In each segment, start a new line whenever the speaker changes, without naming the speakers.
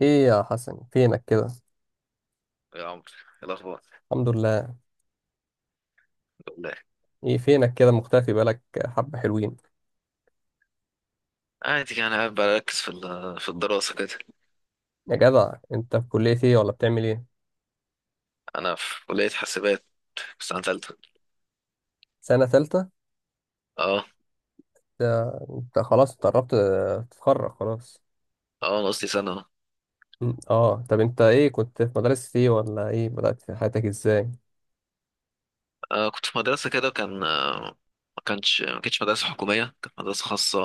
ايه يا حسن، فينك كده؟
يا عمرو، إيه الأخبار؟
الحمد لله.
والله.
ايه فينك كده مختفي بقالك حبة حلوين؟
عادي يعني قاعد بركز في في الدراسة كده.
يا جدع، انت في كلية ايه ولا بتعمل ايه؟
أنا في كلية حاسبات، في سنة تالتة.
سنة تالتة؟
اه.
ده انت خلاص، انت قربت تتخرج خلاص.
اه، أنا قصدي سنة اه
اه، طب انت ايه؟ كنت في مدرسة ايه ولا ايه؟ بدأت في حياتك ازاي؟
كنت في مدرسة كده، كان ما كانتش مدرسة حكومية، كانت مدرسة خاصة.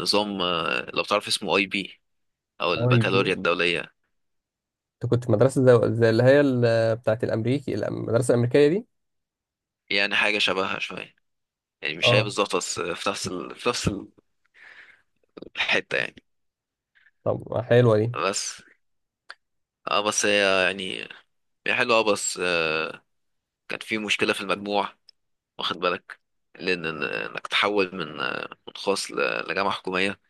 نظام، لو تعرف اسمه، IB، أو
طيب إيه؟
البكالوريا الدولية.
انت كنت في مدرسة زي اللي هي بتاعت الامريكي المدرسة الامريكية دي.
يعني حاجة شبهها شوية، يعني مش هي
اه،
بالظبط، بس في نفس في نفس الحتة يعني.
طب حلوة دي.
بس اه بس هي يعني، هي حلوة، بس كان في مشكلة في المجموع، واخد بالك؟ لان انك تحول من خاص لجامعه حكوميه،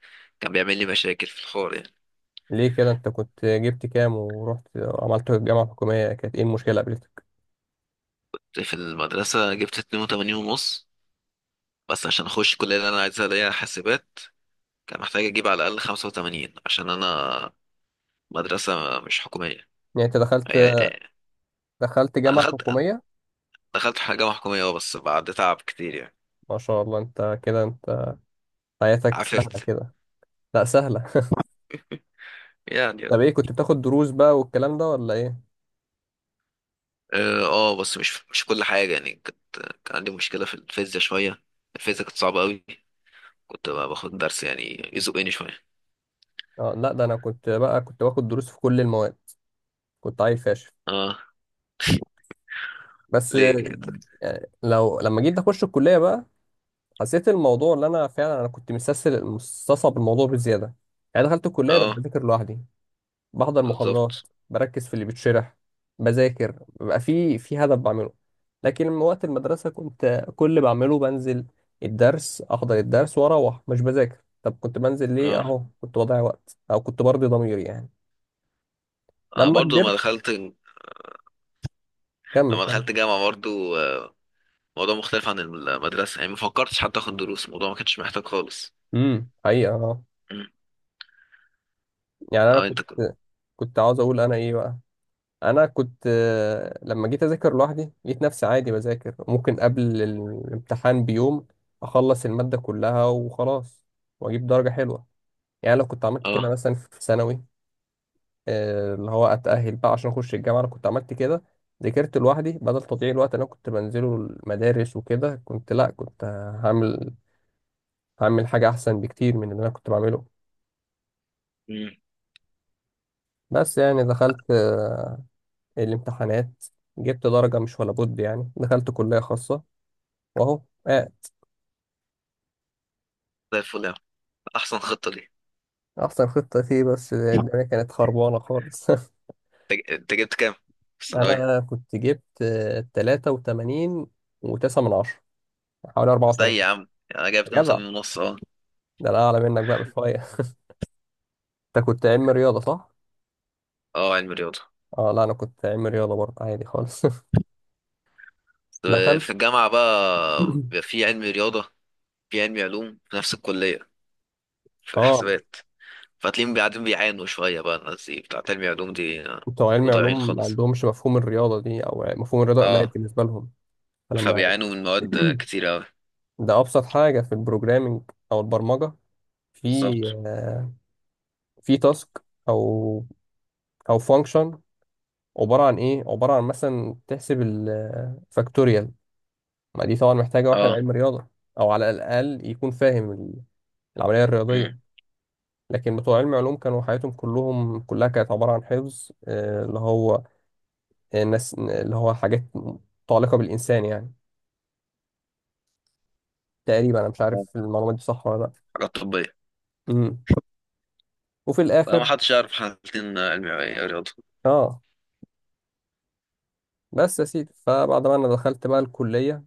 كان بيعمل لي مشاكل في الحوار يعني.
ليه كده؟ انت كنت جبت كام ورحت عملت الجامعة الحكومية؟ كانت ايه المشكلة قابلتك؟
في المدرسه جبت 82 ونص، بس عشان اخش الكليه اللي انا عايزها اللي هي حاسبات، كان محتاج اجيب على الاقل 85، عشان انا مدرسه مش حكوميه.
يعني انت دخلت
هي هي-
دخلت
انا
جامعة
دخلت،
حكومية؟
جامعه حكوميه، اه، بس بعد تعب كتير يعني.
ما شاء الله، انت كده، انت حياتك
عافرت،
سهلة كده. لا سهلة.
يعني،
طب
اه.
ايه؟ كنت بتاخد دروس بقى والكلام ده ولا ايه؟
بس مش كل حاجه يعني، كان عندي مشكله في الفيزياء شويه. الفيزياء كانت صعبه قوي، كنت باخد درس يعني يزقني شويه.
اه، لا ده انا كنت بقى كنت باخد دروس في كل المواد. كنت عيل فاشل.
اه.
بس
ليه كده؟
يعني لو لما جيت اخش الكلية بقى، حسيت الموضوع اللي انا فعلا كنت مستسهل مستصعب الموضوع بزيادة. يعني دخلت الكلية بقيت
اه.
بذاكر لوحدي. بحضر محاضرات.
بالظبط.
بركز في اللي بيتشرح. بذاكر بيبقى في هدف بعمله. لكن من وقت المدرسة، كنت كل اللي بعمله بنزل الدرس، أحضر الدرس وأروح مش بذاكر. طب كنت بنزل ليه؟
اه،
أهو كنت بضيع وقت أو كنت برضي ضميري يعني.
انا
لما
برضو لما
كبرت،
دخلت،
كمل كمل.
جامعة برضو، موضوع مختلف عن المدرسة يعني، ما فكرتش حتى اخد دروس، الموضوع ما كانش محتاج خالص.
حقيقة، اه.
مم.
يعني أنا
اه،
كنت،
انت كنت
كنت عاوز أقول أنا إيه بقى؟ أنا كنت لما جيت أذاكر لوحدي لقيت نفسي عادي بذاكر، ممكن قبل الامتحان بيوم أخلص المادة كلها وخلاص، وأجيب درجة حلوة. يعني لو كنت عملت كده
اه
مثلا في ثانوي، اللي هو اتاهل بقى عشان اخش الجامعه، لو كنت عملت كده، ذاكرت لوحدي بدل تضييع الوقت اللي انا كنت بنزله المدارس وكده، كنت، لا كنت، هعمل هعمل حاجه احسن بكتير من اللي انا كنت بعمله.
مم.
بس يعني دخلت الامتحانات، جبت درجه مش ولا بد يعني دخلت كليه خاصه، واهو. آه،
زي الفل يا عم، احسن خطة دي.
احسن خطه فيه، بس الدنيا كانت خربانه خالص.
انت جبت كام في الثانوية؟
انا كنت جبت 83 و9 من 10، حوالي
زي يا
84.
عم، يعني انا جايب
يا جدع،
82 ونص، اه.
ده انا اعلى منك بقى بشويه. انت كنت علم رياضه، صح؟
اه، علم رياضة.
اه، لا انا كنت علم رياضه برضه عادي خالص. دخلت
في الجامعة بقى بيبقى في علم رياضة، في علم علوم في نفس الكلية، في
اه.
حسابات. فتلاقيهم قاعدين بيعانوا شوية بقى، الناس دي بتاع تربية علوم دي،
بتوع علم
بيبقوا ضايعين
علوم ما
خالص.
عندهمش مفهوم الرياضه دي، او مفهوم الرياضه قليل
اه.
بالنسبه لهم. فلما
فبيعانوا من مواد كتير أوي.
ده ابسط حاجه في البروجرامينج او البرمجه، في
بالظبط.
آه، في تاسك او او فانكشن، عباره عن ايه؟ عباره عن مثلا تحسب الفاكتوريال. ما دي طبعا محتاجه واحد
اه.
علم رياضه، او على الاقل يكون فاهم العمليه
امم.
الرياضيه. لكن بتوع علم علوم كانوا حياتهم كلهم كلها كانت عبارة عن حفظ اللي هو الناس، اللي هو حاجات متعلقة بالإنسان يعني. تقريبا أنا مش عارف المعلومات دي صح ولا لأ.
حاجات طبية.
مم. وفي
لا، ما
الآخر
حدش يعرف، حالتين: علمي، أو إيه، رياضة.
اه، بس يا سيدي، فبعد ما أنا دخلت بقى الكلية،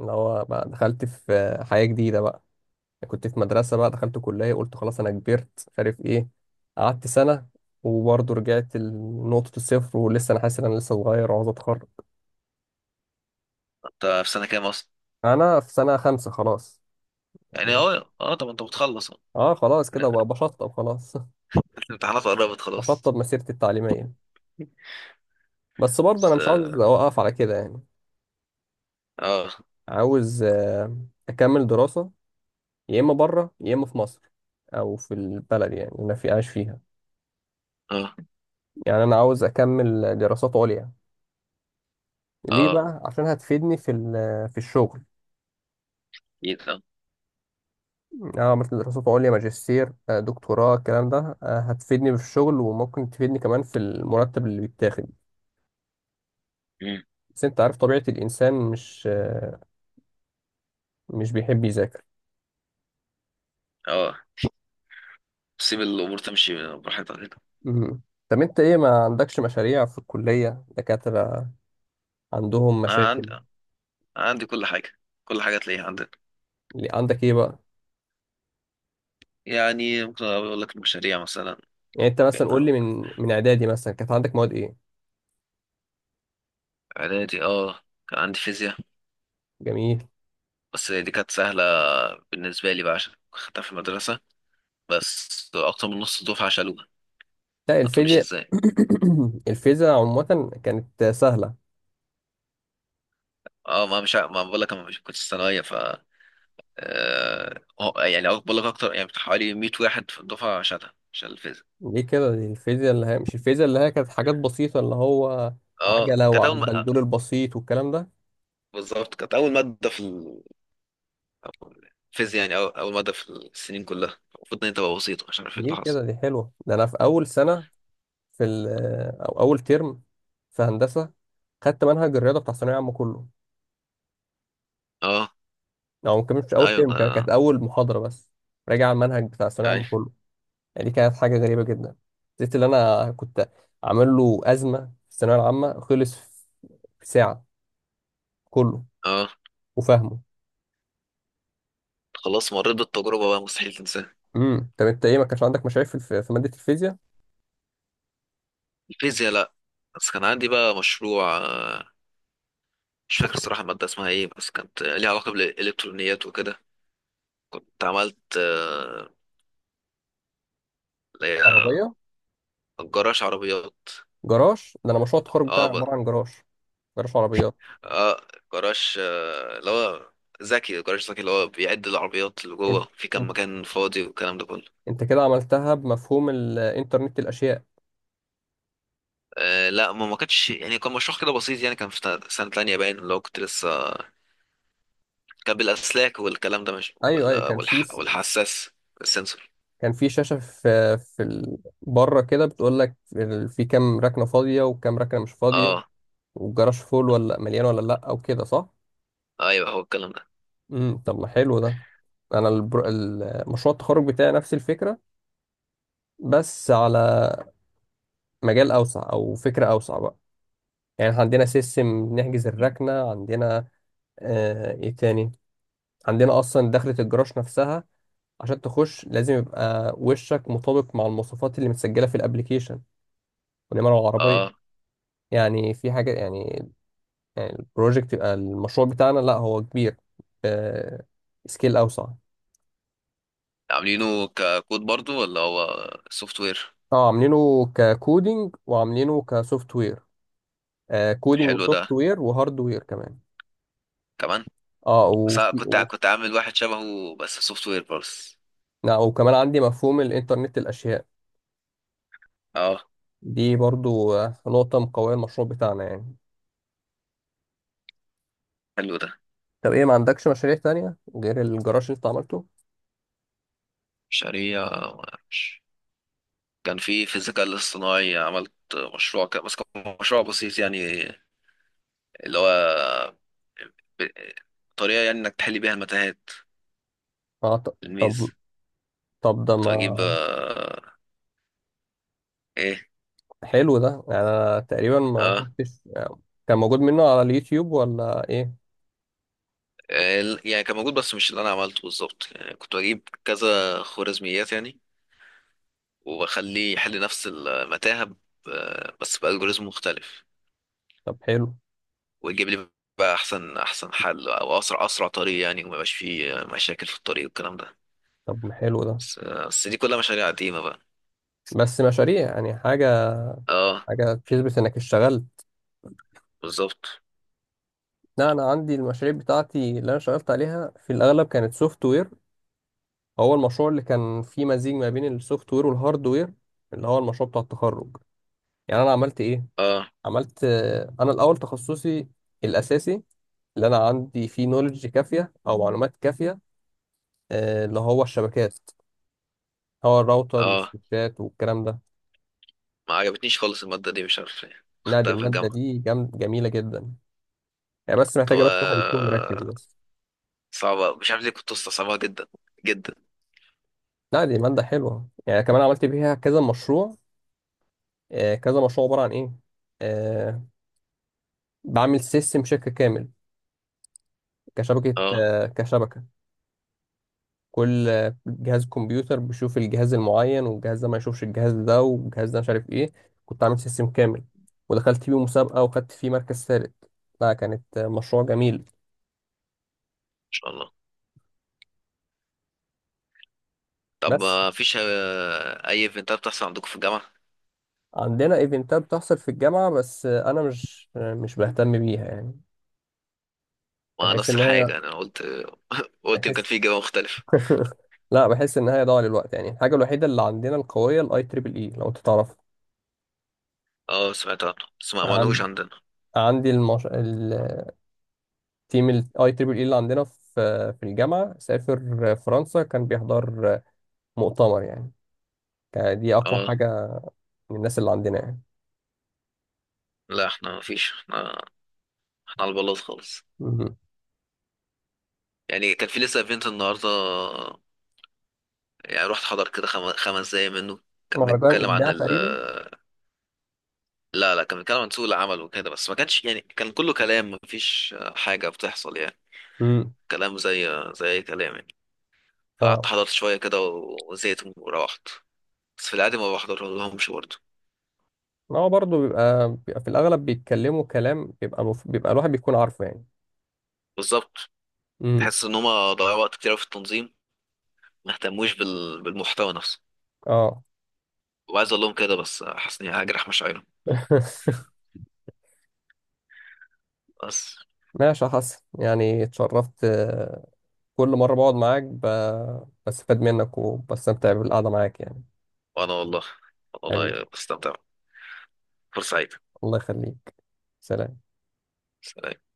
اللي هو بقى دخلت في حياة جديدة بقى، كنت في مدرسة بقى دخلت كلية، قلت خلاص أنا كبرت مش عارف إيه. قعدت سنة وبرضه رجعت لنقطة الصفر، ولسه أنا حاسس إن أنا لسه صغير وعاوز أتخرج.
انت في سنة كام أصلا؟
أنا في سنة خمسة خلاص، يعني
يعني اه، اه، طب انت بتخلص أهو.
اه خلاص كده بقى بشطب خلاص.
الامتحانات قربت خلاص.
بشطب مسيرتي التعليمية. بس برضه انا
بس،
مش عاوز
اه،
اوقف على كده يعني،
اه،
عاوز اكمل دراسة، يا اما بره يا اما في مصر، او في البلد يعني اللي انا في عايش فيها.
اه،
يعني انا عاوز اكمل دراسات عليا. ليه
آه،
بقى؟ عشان هتفيدني في الشغل.
اكيد، اه.
اه، مثل دراسات عليا، ماجستير، دكتوراه، الكلام ده هتفيدني في الشغل، وممكن تفيدني كمان في المرتب اللي بيتاخد.
مم.
بس انت عارف طبيعة الانسان، مش بيحب يذاكر.
اه، سيب الامور تمشي براحتها كده.
مم. طب انت ايه، ما عندكش مشاريع في الكلية؟ دكاترة عندهم
انا
مشاكل؟
عندي كل حاجه، كل حاجه تلاقيها عندنا.
اللي عندك ايه بقى؟
يعني ممكن اقول لك المشاريع مثلا.
يعني انت
كان
مثلا قول لي من اعدادي مثلا كانت عندك مواد ايه؟
اعدادي، اه، كان عندي فيزياء.
جميل.
بس دي كانت سهلة بالنسبة لي بقى، عشان خدتها في المدرسة، بس أكتر من نص الدفعة شالوها.
لا
ما تقوليش
الفيزياء،
ازاي.
الفيزياء عموما كانت سهلة.
اه، ما بقول لك انا مش كنت ثانوية ف، يعني بقول لك اكتر، يعني بتاع حوالي 100 واحد في الدفعة شال الفيزياء.
ليه كده؟ دي الفيزياء اللي هي، مش الفيزياء اللي هي كانت حاجات بسيطة، اللي هو
اه،
عجلة
كانت اول ما.
والبندول البسيط والكلام ده.
بالظبط، كانت اول مادة في الفيزياء، يعني اول مادة في السنين كلها، المفروض ان هي تبقى بسيطة، مش عارف ايه
ليه
اللي حصل.
كده؟ دي حلوة. ده انا في اول سنة، في او اول ترم في هندسة، خدت منهج الرياضة بتاع ثانوية عامة كله.
اه.
او ممكن مش اول
ايوه
فيلم كان، كانت
ده.
اول محاضره بس راجع على المنهج بتاع الثانويه العامه
ايوه.
كله. يعني دي كانت حاجه غريبه جدا. زيت اللي انا كنت عامل له ازمه في الثانويه العامه خلص في ساعه، كله
اه.
وفاهمه.
خلاص، مريت بالتجربة بقى، مستحيل تنساها.
طب انت ايه، ما كانش عندك مشاريع في ماده الفيزياء؟
الفيزياء، لا. بس كان عندي بقى مشروع، مش فاكر الصراحة المادة اسمها ايه، بس كانت ليها علاقة بالإلكترونيات وكده. كنت عملت اللي هي
عربيه،
جراج عربيات.
جراج؟ ده انا مشروع التخرج بتاعي
اه، ب.
عباره عن جراج، جراج عربيات.
اه، جراج، اللي هو ذكي، جراج ذكي، اللي هو بيعد العربيات اللي
انت
جوه، في كام
انت
مكان فاضي والكلام ده كله.
انت كده عملتها بمفهوم الانترنت الاشياء.
لا، ما كانش يعني، كان مشروع كده بسيط يعني، كان في سنة تانية باين، اللي هو كنت لسه، كان بالأسلاك والكلام ده، مش
ايوه، ايوه، كان في
والحساس. السنسور.
كان في شاشة في بره كده، بتقول لك في كام ركنة فاضية وكام ركنة مش فاضية،
اه،
والجراج فول ولا مليان ولا لا، او كده صح؟
ايوه، هو الكلام ده.
طب ما حلو ده. انا مشروع التخرج بتاعي نفس الفكرة، بس على مجال اوسع او فكرة اوسع بقى. يعني إحنا عندنا سيستم نحجز الركنة عندنا، ايه تاني، عندنا اصلا دخلة الجراج نفسها، عشان تخش لازم يبقى وشك مطابق مع المواصفات اللي متسجلة في الابليكيشن ونمر العربية،
اه،
يعني في حاجة يعني. يعني البروجكت، يبقى المشروع بتاعنا لا هو كبير، سكيل أوسع.
عاملينه ككود برضو ولا هو سوفت وير؟
اه عاملينه ككودينج وعاملينه كسوفت وير، كودينج
حلو ده
وسوفت وير وهارد وير كمان.
كمان.
اه،
بس أنا
وفي
كنت كنت عامل واحد شبهه بس سوفت وير بس.
لا، وكمان عندي مفهوم الإنترنت الأشياء،
اه.
دي برضو نقطة مقوية المشروع بتاعنا يعني.
حلو ده.
طب ايه، ما عندكش مشاريع تانية غير الجراج اللي انت عملته؟
شريعة. مش- كان في الذكاء الاصطناعي عملت مشروع كده، بس كان مشروع بسيط يعني، اللي هو ب- طريقة يعني انك تحل بيها المتاهات.
اه، طب،
الميز،
طب ده
كنت
ما
بجيب، ايه.
حلو ده. يعني انا تقريبا ما
اه.
شفتش، كان موجود منه على اليوتيوب ولا ايه؟
يعني كان موجود، بس مش اللي انا عملته بالظبط يعني، كنت بجيب كذا خوارزميات يعني، واخليه يحل نفس المتاهه بس بالجوريزم مختلف،
طب حلو.
ويجيب لي بقى احسن حل، او اسرع طريق يعني، وما يبقاش فيه مشاكل في الطريق والكلام ده.
طب ما حلو ده.
بس دي كلها مشاريع قديمه بقى.
بس مشاريع يعني حاجة،
اه.
حاجة تثبت انك اشتغلت.
بالظبط.
لا انا عندي المشاريع بتاعتي اللي انا اشتغلت عليها في الاغلب كانت سوفت وير. هو المشروع اللي كان فيه مزيج ما بين السوفت وير والهارد وير، اللي هو المشروع بتاع التخرج. يعني انا عملت ايه؟
اه.
عملت انا الاول تخصصي الاساسي، اللي انا عندي فيه نولج كافية او معلومات كافية، اللي هو الشبكات، هو الراوتر
اه.
والسويتشات والكلام ده.
ما عجبتنيش خالص الماده دي، مش عارف ليه
نادي
خدتها في
المادة
الجامعه.
دي جميلة جدا يعني، بس
طب،
محتاجة بس واحد يكون مركز بس.
صعبه، مش عارف ليه كنت مستصعبها جدا جدا.
لا دي مادة حلوة، يعني كمان عملت بيها كذا مشروع. كذا مشروع عبارة عن إيه؟ آه، بعمل سيستم شركة كامل كشبكة،
اه، ان
كل جهاز كمبيوتر بيشوف الجهاز المعين، والجهاز ده ما يشوفش الجهاز ده، والجهاز ده مش عارف إيه. كنت عامل سيستم كامل، ودخلت فيه مسابقة وخدت فيه مركز ثالث. لا، كانت مشروع جميل.
شاء الله. طب
بس
ما فيش اي ايفنتات بتحصل عندكم في الجامعه؟
عندنا ايفنتات بتحصل في الجامعة، بس أنا مش بهتم بيها يعني.
ما
بحس
نفس
إن هي
الحاجه، انا قلت. قلت يمكن
بحيث
في اجابه مختلفه.
لا بحس ان هي ضاع للوقت يعني. الحاجه الوحيده اللي عندنا القويه الاي تريبل اي، لو انت تعرف.
اه، سمعت عنه، بس ما عملوش
عند
عندنا.
عندي التيم الاي تريبل اي اللي عندنا في الجامعه سافر فرنسا، كان بيحضر مؤتمر يعني، كان دي اقوى
اه،
حاجه من الناس اللي عندنا يعني.
لا، احنا ما فيش، احنا على البلاط خالص.
مهم.
يعني كان في لسه ايفنت النهارده، يعني رحت حضر كده 5 دقايق منه. كان
مهرجان
بيتكلم عن
ابداع
ال.
تقريبا.
لا، لا، كان بيتكلم عن سوق العمل وكده، بس ما كانش يعني، كان كله كلام، ما فيش حاجة بتحصل يعني.
امم
كلام زي اي كلام يعني. فقعدت
اه،
حضرت شوية كده وزهقت وروحت. بس في العادي ما بحضر لهمش برضه.
هو برضه بيبقى في الاغلب بيتكلموا كلام بيبقى الواحد بيكون عارفه يعني.
بالظبط.
امم
تحس ان هما ضيعوا وقت كتير أوي في التنظيم، ما اهتموش بالمحتوى نفسه.
اه.
وعايز اقول لهم كده، بس حاسس اني هجرح مشاعرهم. بس.
ماشي يا حسن، يعني اتشرفت. كل مرة بقعد معاك بستفاد منك وبستمتع بالقعدة معاك يعني.
وانا والله،
حبيبي،
والله بستمتع. فرصة سعيدة.
الله يخليك. سلام.
سلام.